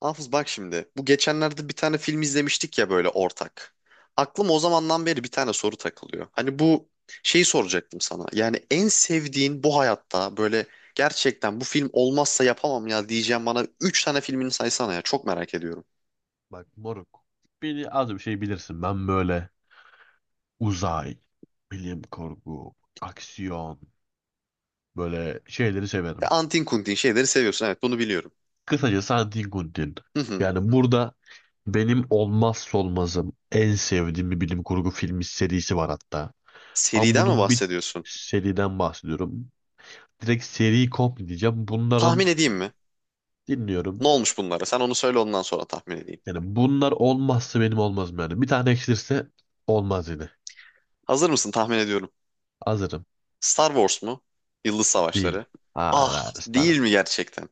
Hafız, bak şimdi. Bu geçenlerde bir tane film izlemiştik ya böyle ortak. Aklım o zamandan beri bir tane soru takılıyor. Hani bu şeyi soracaktım sana. Yani en sevdiğin, bu hayatta böyle gerçekten bu film olmazsa yapamam ya diyeceğim, bana 3 tane filmini saysana ya. Çok merak ediyorum. Bak moruk. Beni az bir şey bilirsin. Ben böyle uzay, bilim kurgu, aksiyon böyle şeyleri Ya severim. antin kuntin şeyleri seviyorsun. Evet, bunu biliyorum. Kısacası Antin Kuntin. Hı hı. Yani burada benim olmazsa olmazım en sevdiğim bir bilim kurgu filmi serisi var hatta. Ama Seriden mi bunun bir bahsediyorsun? seriden bahsediyorum. Direkt seri komple diyeceğim. Bunların Tahmin edeyim mi? Ne dinliyorum. olmuş bunlara? Sen onu söyle, ondan sonra tahmin edeyim. Yani bunlar olmazsa benim olmazım yani. Bir tane eksilirse olmaz yine. Hazır mısın? Tahmin ediyorum. Hazırım. Star Wars mu? Yıldız Değil. Savaşları. Hayır, Ah, hayır. değil mi gerçekten?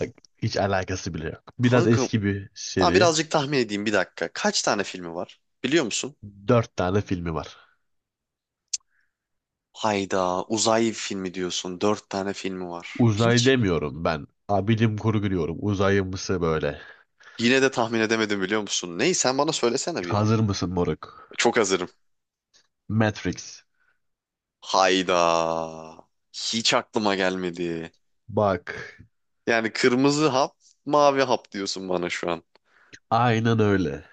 Bak, hiç alakası bile yok. Biraz Kanka, eski bir daha seri. birazcık tahmin edeyim, bir dakika. Kaç tane filmi var biliyor musun? Dört tane filmi var. Hayda, uzay filmi diyorsun. Dört tane filmi var. Uzay Hiç demiyorum ben. Ha, bilim kurgu diyorum. Uzayımsı böyle. yine de tahmin edemedim biliyor musun? Ney, sen bana söylesene bir ya. Hazır mısın moruk? Çok hazırım. Matrix. Hayda, hiç aklıma gelmedi. Bak. Yani kırmızı hap, mavi hap diyorsun bana şu an. Aynen öyle.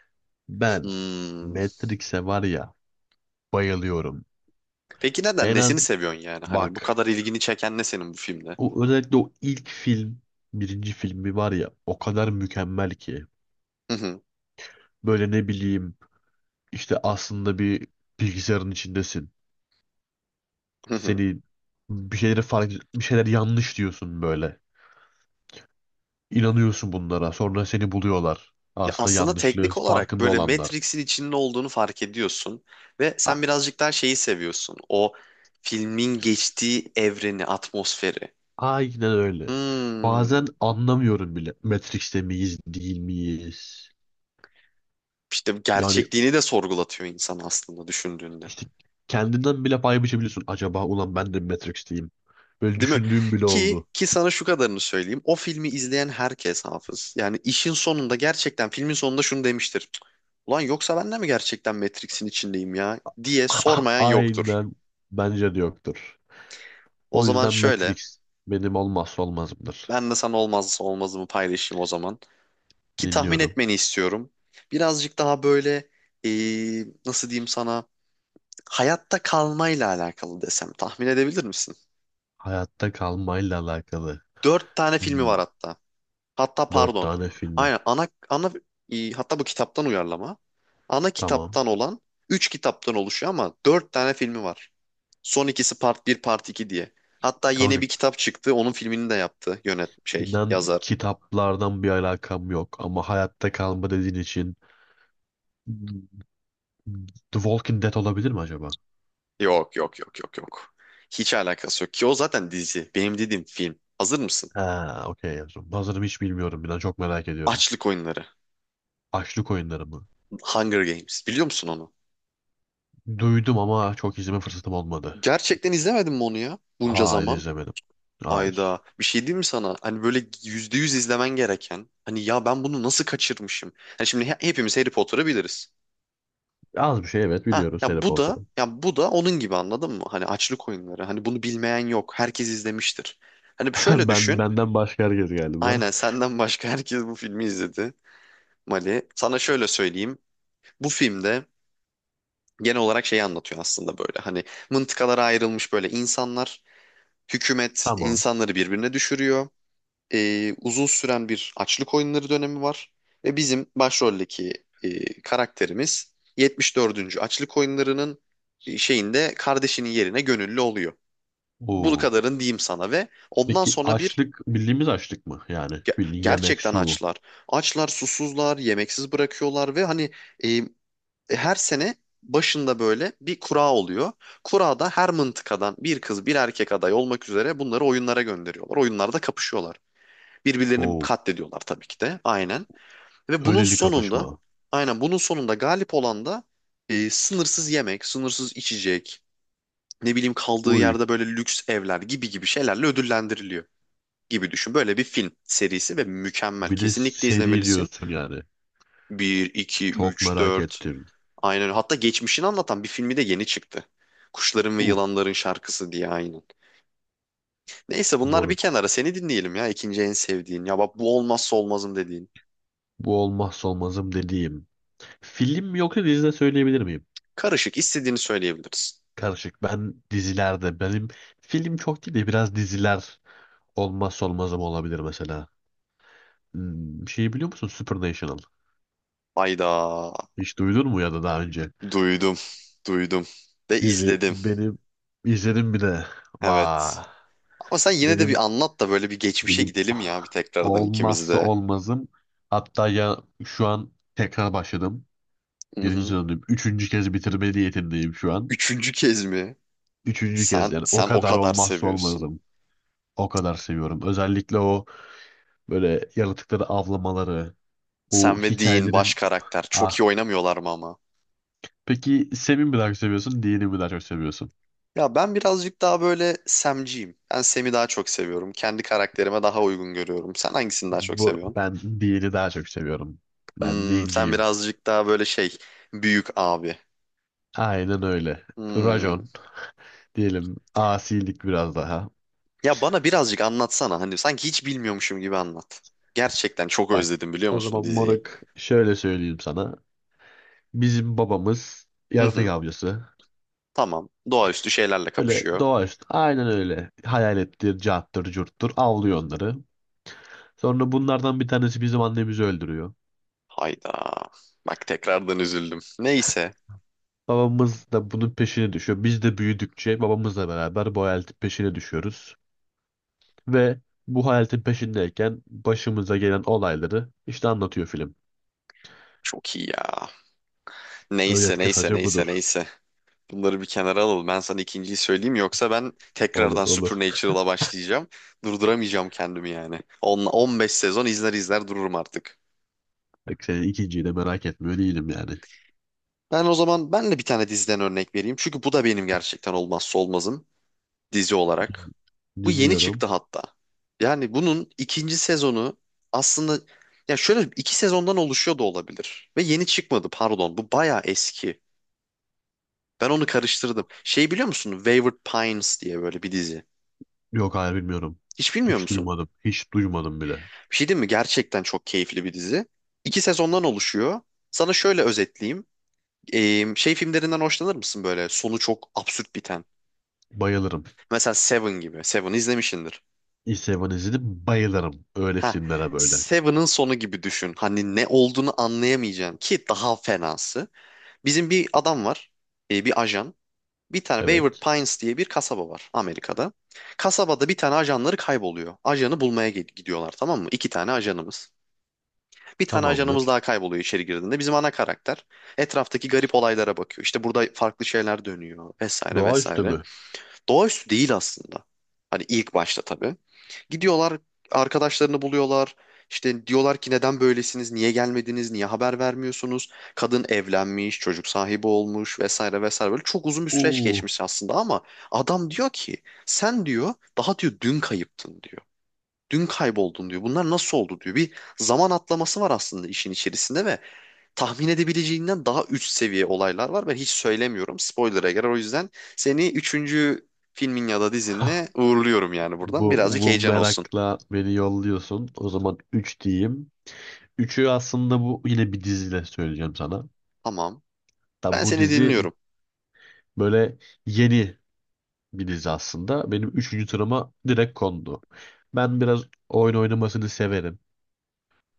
Ben Hmm. Matrix'e var ya bayılıyorum. Peki neden, En nesini az seviyorsun yani? Hani bu bak. kadar ilgini çeken ne senin bu filmde? O, özellikle o ilk film birinci filmi var ya o kadar mükemmel ki. Hı hı. Böyle ne bileyim işte aslında bir bilgisayarın içindesin. Hı hı. Seni bir şeyler yanlış diyorsun böyle. İnanıyorsun bunlara. Sonra seni buluyorlar. Ya Aslında aslında yanlışlığı teknik olarak farkında böyle olanlar. Matrix'in içinde olduğunu fark ediyorsun ve A- sen birazcık daha şeyi seviyorsun. O filmin geçtiği evreni, atmosferi. Aynen öyle. Hmm, Bazen anlamıyorum bile. Matrix'te miyiz, değil miyiz? işte Yani gerçekliğini de sorgulatıyor insan aslında düşündüğünde. işte kendinden bile pay biçebiliyorsun. Acaba ulan ben de mi Matrix'teyim. Böyle Değil mi? düşündüğüm bile Ki oldu. ki sana şu kadarını söyleyeyim. O filmi izleyen herkes hafız. Yani işin sonunda, gerçekten filmin sonunda şunu demiştir. "Cık, ulan yoksa ben de mi gerçekten Matrix'in içindeyim ya" diye sormayan yoktur. Aynen bence de yoktur. O O zaman yüzden şöyle, Matrix benim olmazsa olmazımdır. ben de sana olmazsa olmazımı paylaşayım o zaman. Ki tahmin Dinliyorum. etmeni istiyorum. Birazcık daha böyle nasıl diyeyim sana, hayatta kalmayla alakalı desem tahmin edebilir misin? Hayatta kalmayla alakalı. Dört tane filmi Hmm, var hatta. Hatta Dört pardon. tane filmi. Aynen ana hatta bu kitaptan uyarlama. Ana Tamam. kitaptan olan üç kitaptan oluşuyor ama dört tane filmi var. Son ikisi part bir part 2 diye. Hatta yeni Kanka bir kitap çıktı. Onun filmini de yaptı yönet şey inan yazar. kitaplardan bir alakam yok ama hayatta kalma dediğin için hmm, The Walking Dead olabilir mi acaba? Yok yok yok yok yok. Hiç alakası yok ki, o zaten dizi. Benim dediğim film. Hazır mısın? Ha, okey. Yazdım. Hazırım, hiç bilmiyorum. İnan çok merak ediyorum. Açlık Oyunları. Açlık Oyunları mı? Hunger Games. Biliyor musun onu? Duydum ama çok izleme fırsatım olmadı. Gerçekten izlemedin mi onu ya? Bunca Hayır, zaman. izlemedim. Hayır. Ayda. Bir şey diyeyim mi sana? Hani böyle yüzde yüz izlemen gereken. Hani ya ben bunu nasıl kaçırmışım? Hani şimdi hepimiz Harry Potter'ı biliriz. Az bir şey evet Ha biliyoruz Harry ya bu da, Potter'ı. ya bu da onun gibi, anladın mı? Hani Açlık Oyunları. Hani bunu bilmeyen yok. Herkes izlemiştir. Hani şöyle Ben düşün. benden başka herkes galiba. Aynen, senden başka herkes bu filmi izledi. Mali. Sana şöyle söyleyeyim. Bu filmde genel olarak şeyi anlatıyor aslında böyle. Hani mıntıkalara ayrılmış böyle insanlar, hükümet Tamam. insanları birbirine düşürüyor. Uzun süren bir açlık oyunları dönemi var. Ve bizim başroldeki karakterimiz 74. açlık oyunlarının şeyinde kardeşinin yerine gönüllü oluyor. Bunu Oo. kadarın diyeyim sana ve ondan Peki sonra bir açlık bildiğimiz açlık mı? Yani bildiğin yemek, gerçekten su. açlar. Açlar, susuzlar, yemeksiz bırakıyorlar ve hani e, her sene başında böyle bir kura oluyor. Kurada her mıntıkadan bir kız bir erkek aday olmak üzere bunları oyunlara gönderiyorlar. Oyunlarda kapışıyorlar. Birbirlerini Oo. katlediyorlar tabii ki de. Aynen. Ve bunun Öyleli sonunda, kapışma. aynen bunun sonunda galip olan da sınırsız yemek, sınırsız içecek, ne bileyim kaldığı Uy. yerde böyle lüks evler gibi gibi şeylerle ödüllendiriliyor gibi düşün. Böyle bir film serisi ve mükemmel. Bir de Kesinlikle seri izlemelisin. diyorsun yani. Bir, 2, Çok 3, merak 4. ettim. Aynen öyle. Hatta geçmişini anlatan bir filmi de yeni çıktı. Kuşların ve Uh Yılanların Şarkısı diye, aynen. Neyse, bunlar bir moruk. kenara. Seni dinleyelim ya. İkinci en sevdiğin. Ya bak, bu olmazsa olmazım dediğin. Bu olmazsa olmazım dediğim. Film mi yoksa dizide söyleyebilir miyim? Karışık, istediğini söyleyebiliriz. Karışık. Benim film çok değil de biraz diziler olmazsa olmazım olabilir mesela. Şeyi biliyor musun? Supernatural. Hayda. Hiç duydun mu ya da daha önce? Duydum. Duydum. Ve Dizi izledim. benim izledim bir de. Evet. Vay. Ama sen yine de Benim bir anlat da böyle bir geçmişe Benim gidelim ya, bir ah, tekrardan ikimiz olmazsa de. olmazım. Hatta ya şu an tekrar başladım. Hı Birinci hı. sezondayım. Üçüncü kez bitirme niyetindeyim şu an. Üçüncü kez mi? Üçüncü kez Sen yani, o sen o kadar kadar olmazsa seviyorsun. olmazım. O kadar seviyorum. Özellikle o böyle yaratıkları avlamaları, o Sen ve Dean baş hikayelerin... karakter. Çok iyi Ah, oynamıyorlar mı ama? peki Sem'i mi daha çok seviyorsun, Dean'i mi daha çok seviyorsun? Ya ben birazcık daha böyle Sam'ciyim. Ben Sam'i daha çok seviyorum. Kendi karakterime daha uygun görüyorum. Sen hangisini daha çok Bu, seviyorsun? ben Dean'i daha çok seviyorum. Ben Hmm, sen Dean'ciyim. birazcık daha böyle şey, büyük abi. Aynen öyle. Hmm. Rajon diyelim, asilik biraz daha. Ya bana birazcık anlatsana. Hani sanki hiç bilmiyormuşum gibi anlat. Gerçekten çok Bak özledim biliyor o musun zaman diziyi? moruk, şöyle söyleyeyim sana. Bizim babamız Hı yaratık hı. avcısı. Tamam. Doğaüstü şeylerle Öyle kapışıyor. doğaüstü, aynen öyle. Hayalettir, cahattır, curttur avlıyor onları. Sonra bunlardan bir tanesi bizim annemizi öldürüyor. Hayda. Bak, tekrardan üzüldüm. Neyse. Babamız da bunun peşine düşüyor. Biz de büyüdükçe babamızla beraber bu hayaletin peşine düşüyoruz. Ve bu hayaletin peşindeyken başımıza gelen olayları işte anlatıyor film. Çok iyi ya. Neyse Özet neyse kısaca neyse budur. neyse. Bunları bir kenara alalım. Ben sana ikinciyi söyleyeyim yoksa ben Olur tekrardan olur. Supernatural'a başlayacağım. Durduramayacağım kendimi yani. 15 sezon izler izler dururum artık. Bak senin ikinciyi de merak etmiyor değilim yani. Ben o zaman Ben de bir tane diziden örnek vereyim. Çünkü bu da benim gerçekten olmazsa olmazım dizi olarak. Bu yeni çıktı Dinliyorum. hatta. Yani bunun ikinci sezonu aslında, ya şöyle, iki sezondan oluşuyor da olabilir. Ve yeni çıkmadı, pardon. Bu bayağı eski. Ben onu karıştırdım. Şey biliyor musun? Wayward Pines diye böyle bir dizi. Yok, hayır, bilmiyorum. Hiç bilmiyor Hiç musun? duymadım. Hiç duymadım bile. Bir şey değil mi? Gerçekten çok keyifli bir dizi. İki sezondan oluşuyor. Sana şöyle özetleyeyim. Şey filmlerinden hoşlanır mısın böyle? Sonu çok absürt biten. Bayılırım. Mesela Seven gibi. Seven izlemişsindir. East Seven izledim, bayılırım öyle Ha, filmlere böyle. Seven'ın sonu gibi düşün. Hani ne olduğunu anlayamayacaksın, ki daha fenası. Bizim bir adam var. Bir ajan. Bir tane Wayward Evet. Pines diye bir kasaba var Amerika'da. Kasabada bir tane ajanları kayboluyor. Ajanı bulmaya gidiyorlar, tamam mı? İki tane ajanımız. Bir tane ajanımız Tamamdır. daha kayboluyor içeri girdiğinde. Bizim ana karakter etraftaki garip olaylara bakıyor. İşte burada farklı şeyler dönüyor vesaire Doğaüstü vesaire. mü? Doğaüstü değil aslında. Hani ilk başta tabii. Gidiyorlar, arkadaşlarını buluyorlar. İşte diyorlar ki neden böylesiniz, niye gelmediniz, niye haber vermiyorsunuz? Kadın evlenmiş, çocuk sahibi olmuş vesaire vesaire. Böyle çok uzun bir süreç Uuu. geçmiş aslında ama adam diyor ki sen diyor daha diyor dün kayıptın diyor. Dün kayboldun diyor. Bunlar nasıl oldu diyor. Bir zaman atlaması var aslında işin içerisinde ve tahmin edebileceğinden daha üst seviye olaylar var. Ben hiç söylemiyorum. Spoiler'a girer. O yüzden seni üçüncü filmin ya da Hah. dizinle uğurluyorum yani buradan. Bu, Birazcık bu heyecan olsun. merakla beni yolluyorsun. O zaman 3 diyeyim. Üçü aslında bu, yine bir diziyle söyleyeceğim sana. Tamam. Ben Da bu seni dizi dinliyorum. böyle yeni bir dizi aslında. Benim 3. sırama direkt kondu. Ben biraz oyun oynamasını severim.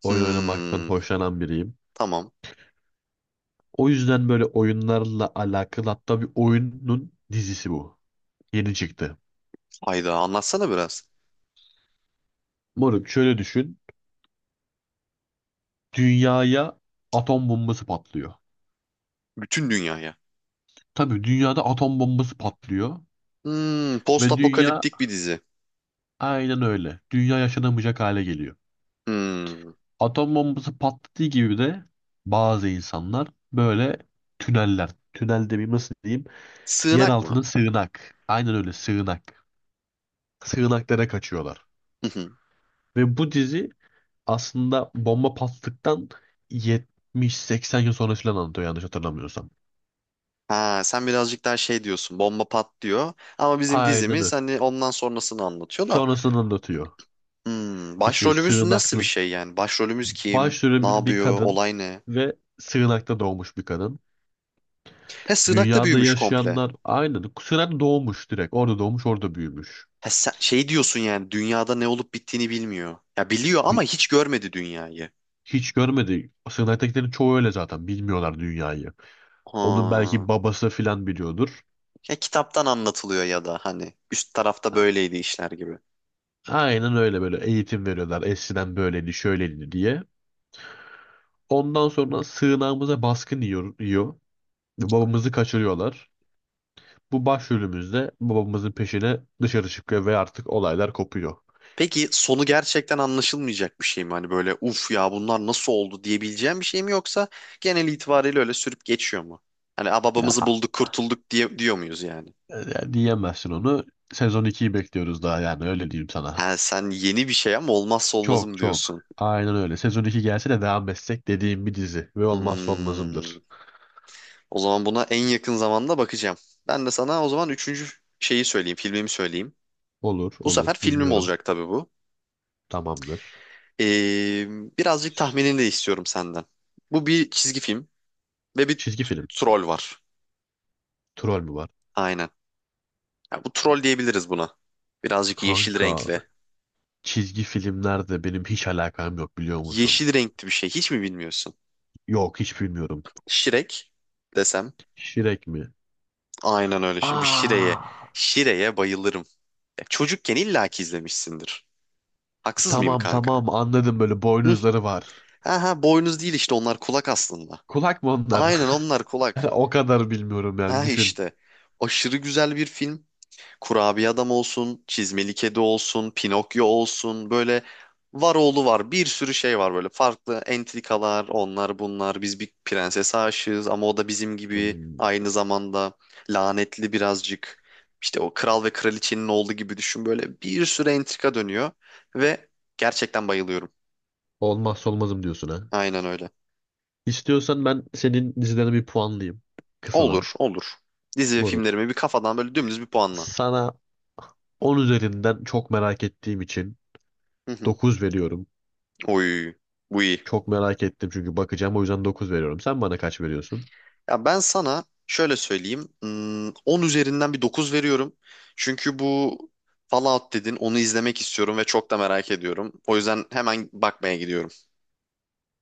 Oyun oynamaktan Hmm, hoşlanan biriyim. tamam. O yüzden böyle oyunlarla alakalı, hatta bir oyunun dizisi bu. Yeni çıktı. Hayda, anlatsana biraz. Moruk şöyle düşün. Dünyaya atom bombası patlıyor. Bütün dünyaya. Tabii dünyada atom bombası patlıyor. Hmm, post Ve dünya apokaliptik bir dizi. aynen öyle. Dünya yaşanamayacak hale geliyor. Hmm, Atom bombası patladığı gibi de bazı insanlar böyle tüneller. Tünel demeyeyim, nasıl diyeyim. Yer sığınak altının mı? sığınak. Aynen öyle, sığınak. Sığınaklara kaçıyorlar. Ve bu dizi aslında bomba patladıktan 70-80 yıl sonra falan anlatıyor yanlış hatırlamıyorsam. Ha, sen birazcık daha şey diyorsun, bomba patlıyor ama bizim Aynen öyle. dizimiz hani ondan sonrasını anlatıyor da Sonrasını anlatıyor. hmm, İşte başrolümüz nasıl bir sığınaklı. şey, yani başrolümüz kim, ne Başrolümüz bir yapıyor, kadın olay ne? ve sığınakta doğmuş bir kadın. He, sığınakta Dünyada büyümüş komple. yaşayanlar aynen. Sığınakta doğmuş direkt. Orada doğmuş, orada büyümüş. He, sen şey diyorsun yani, dünyada ne olup bittiğini bilmiyor, ya biliyor ama Bi- hiç görmedi dünyayı. Hiç görmedi. Sığınaktakilerin çoğu öyle zaten. Bilmiyorlar dünyayı. Onun belki Ha, babası filan biliyordur. ya kitaptan anlatılıyor ya da hani üst tarafta A- böyleydi işler gibi. Aynen öyle, böyle eğitim veriyorlar. Eskiden böyleydi, şöyleydi diye. Ondan sonra sığınağımıza baskın yiyor, yiyor. Babamızı kaçırıyorlar. Bu başrolümüzde babamızın peşine dışarı çıkıyor ve artık olaylar kopuyor. Peki sonu gerçekten anlaşılmayacak bir şey mi? Hani böyle, uf ya, bunlar nasıl oldu diyebileceğim bir şey mi, yoksa genel itibariyle öyle sürüp geçiyor mu? Hani "Aa, babamızı Ya, bulduk, kurtulduk" diye diyor muyuz yani? ya diyemezsin onu. Sezon ikiyi bekliyoruz daha, yani öyle diyeyim sana. Ha, sen yeni bir şey ama olmazsa Çok olmazım çok. diyorsun. Aynen öyle. Sezon 2 gelse de devam etsek dediğim bir dizi ve olmazsa Hmm, olmazımdır. o zaman buna en yakın zamanda bakacağım. Ben de sana o zaman üçüncü şeyi söyleyeyim, filmimi söyleyeyim. Olur Bu olur, sefer filmim dinliyorum. olacak tabii bu. Tamamdır. Ee, Birazcık tahminini de istiyorum senden. Bu bir çizgi film ve bir Çizgi film. troll var. Troll mü var? Aynen. Ya bu, troll diyebiliriz buna. Birazcık yeşil Kanka, renkli. çizgi filmlerde benim hiç alakam yok biliyor musun? Yeşil renkli bir şey. Hiç mi bilmiyorsun? Yok, hiç bilmiyorum. Şirek desem. Şirek mi? Aynen öyle. Bir Şire'ye. Aa, Şire'ye bayılırım. Ya çocukken illaki izlemişsindir. Haksız mıyım tamam kanka? tamam, anladım, böyle Hı. boynuzları var. Aha, boynuz değil işte, onlar kulak aslında. Kulak mı onlar? Aynen, onlar Yani kulak. o kadar bilmiyorum yani, Ha düşün. işte. Aşırı güzel bir film. Kurabiye adam olsun, çizmeli kedi olsun, Pinokyo olsun, böyle var oğlu var, bir sürü şey var, böyle farklı entrikalar, onlar bunlar, biz bir prensese aşığız ama o da bizim gibi Hmm, aynı zamanda lanetli birazcık, işte o kral ve kraliçenin oğlu gibi düşün, böyle bir sürü entrika dönüyor ve gerçekten bayılıyorum, Olmazsa olmazım diyorsun ha. aynen öyle. İstiyorsan ben senin dizilerine bir puanlayayım. Kısadan. Olur olur, dizi ve Moruk. filmlerimi bir kafadan böyle dümdüz bir puanla. Sana 10 üzerinden, çok merak ettiğim için, Hı hı. 9 veriyorum. Oy, bu iyi. Çok merak ettim çünkü bakacağım, o yüzden 9 veriyorum. Sen bana kaç veriyorsun? Ya ben sana şöyle söyleyeyim. Hmm, 10 üzerinden bir 9 veriyorum. Çünkü bu Fallout dedin, onu izlemek istiyorum ve çok da merak ediyorum. O yüzden hemen bakmaya gidiyorum.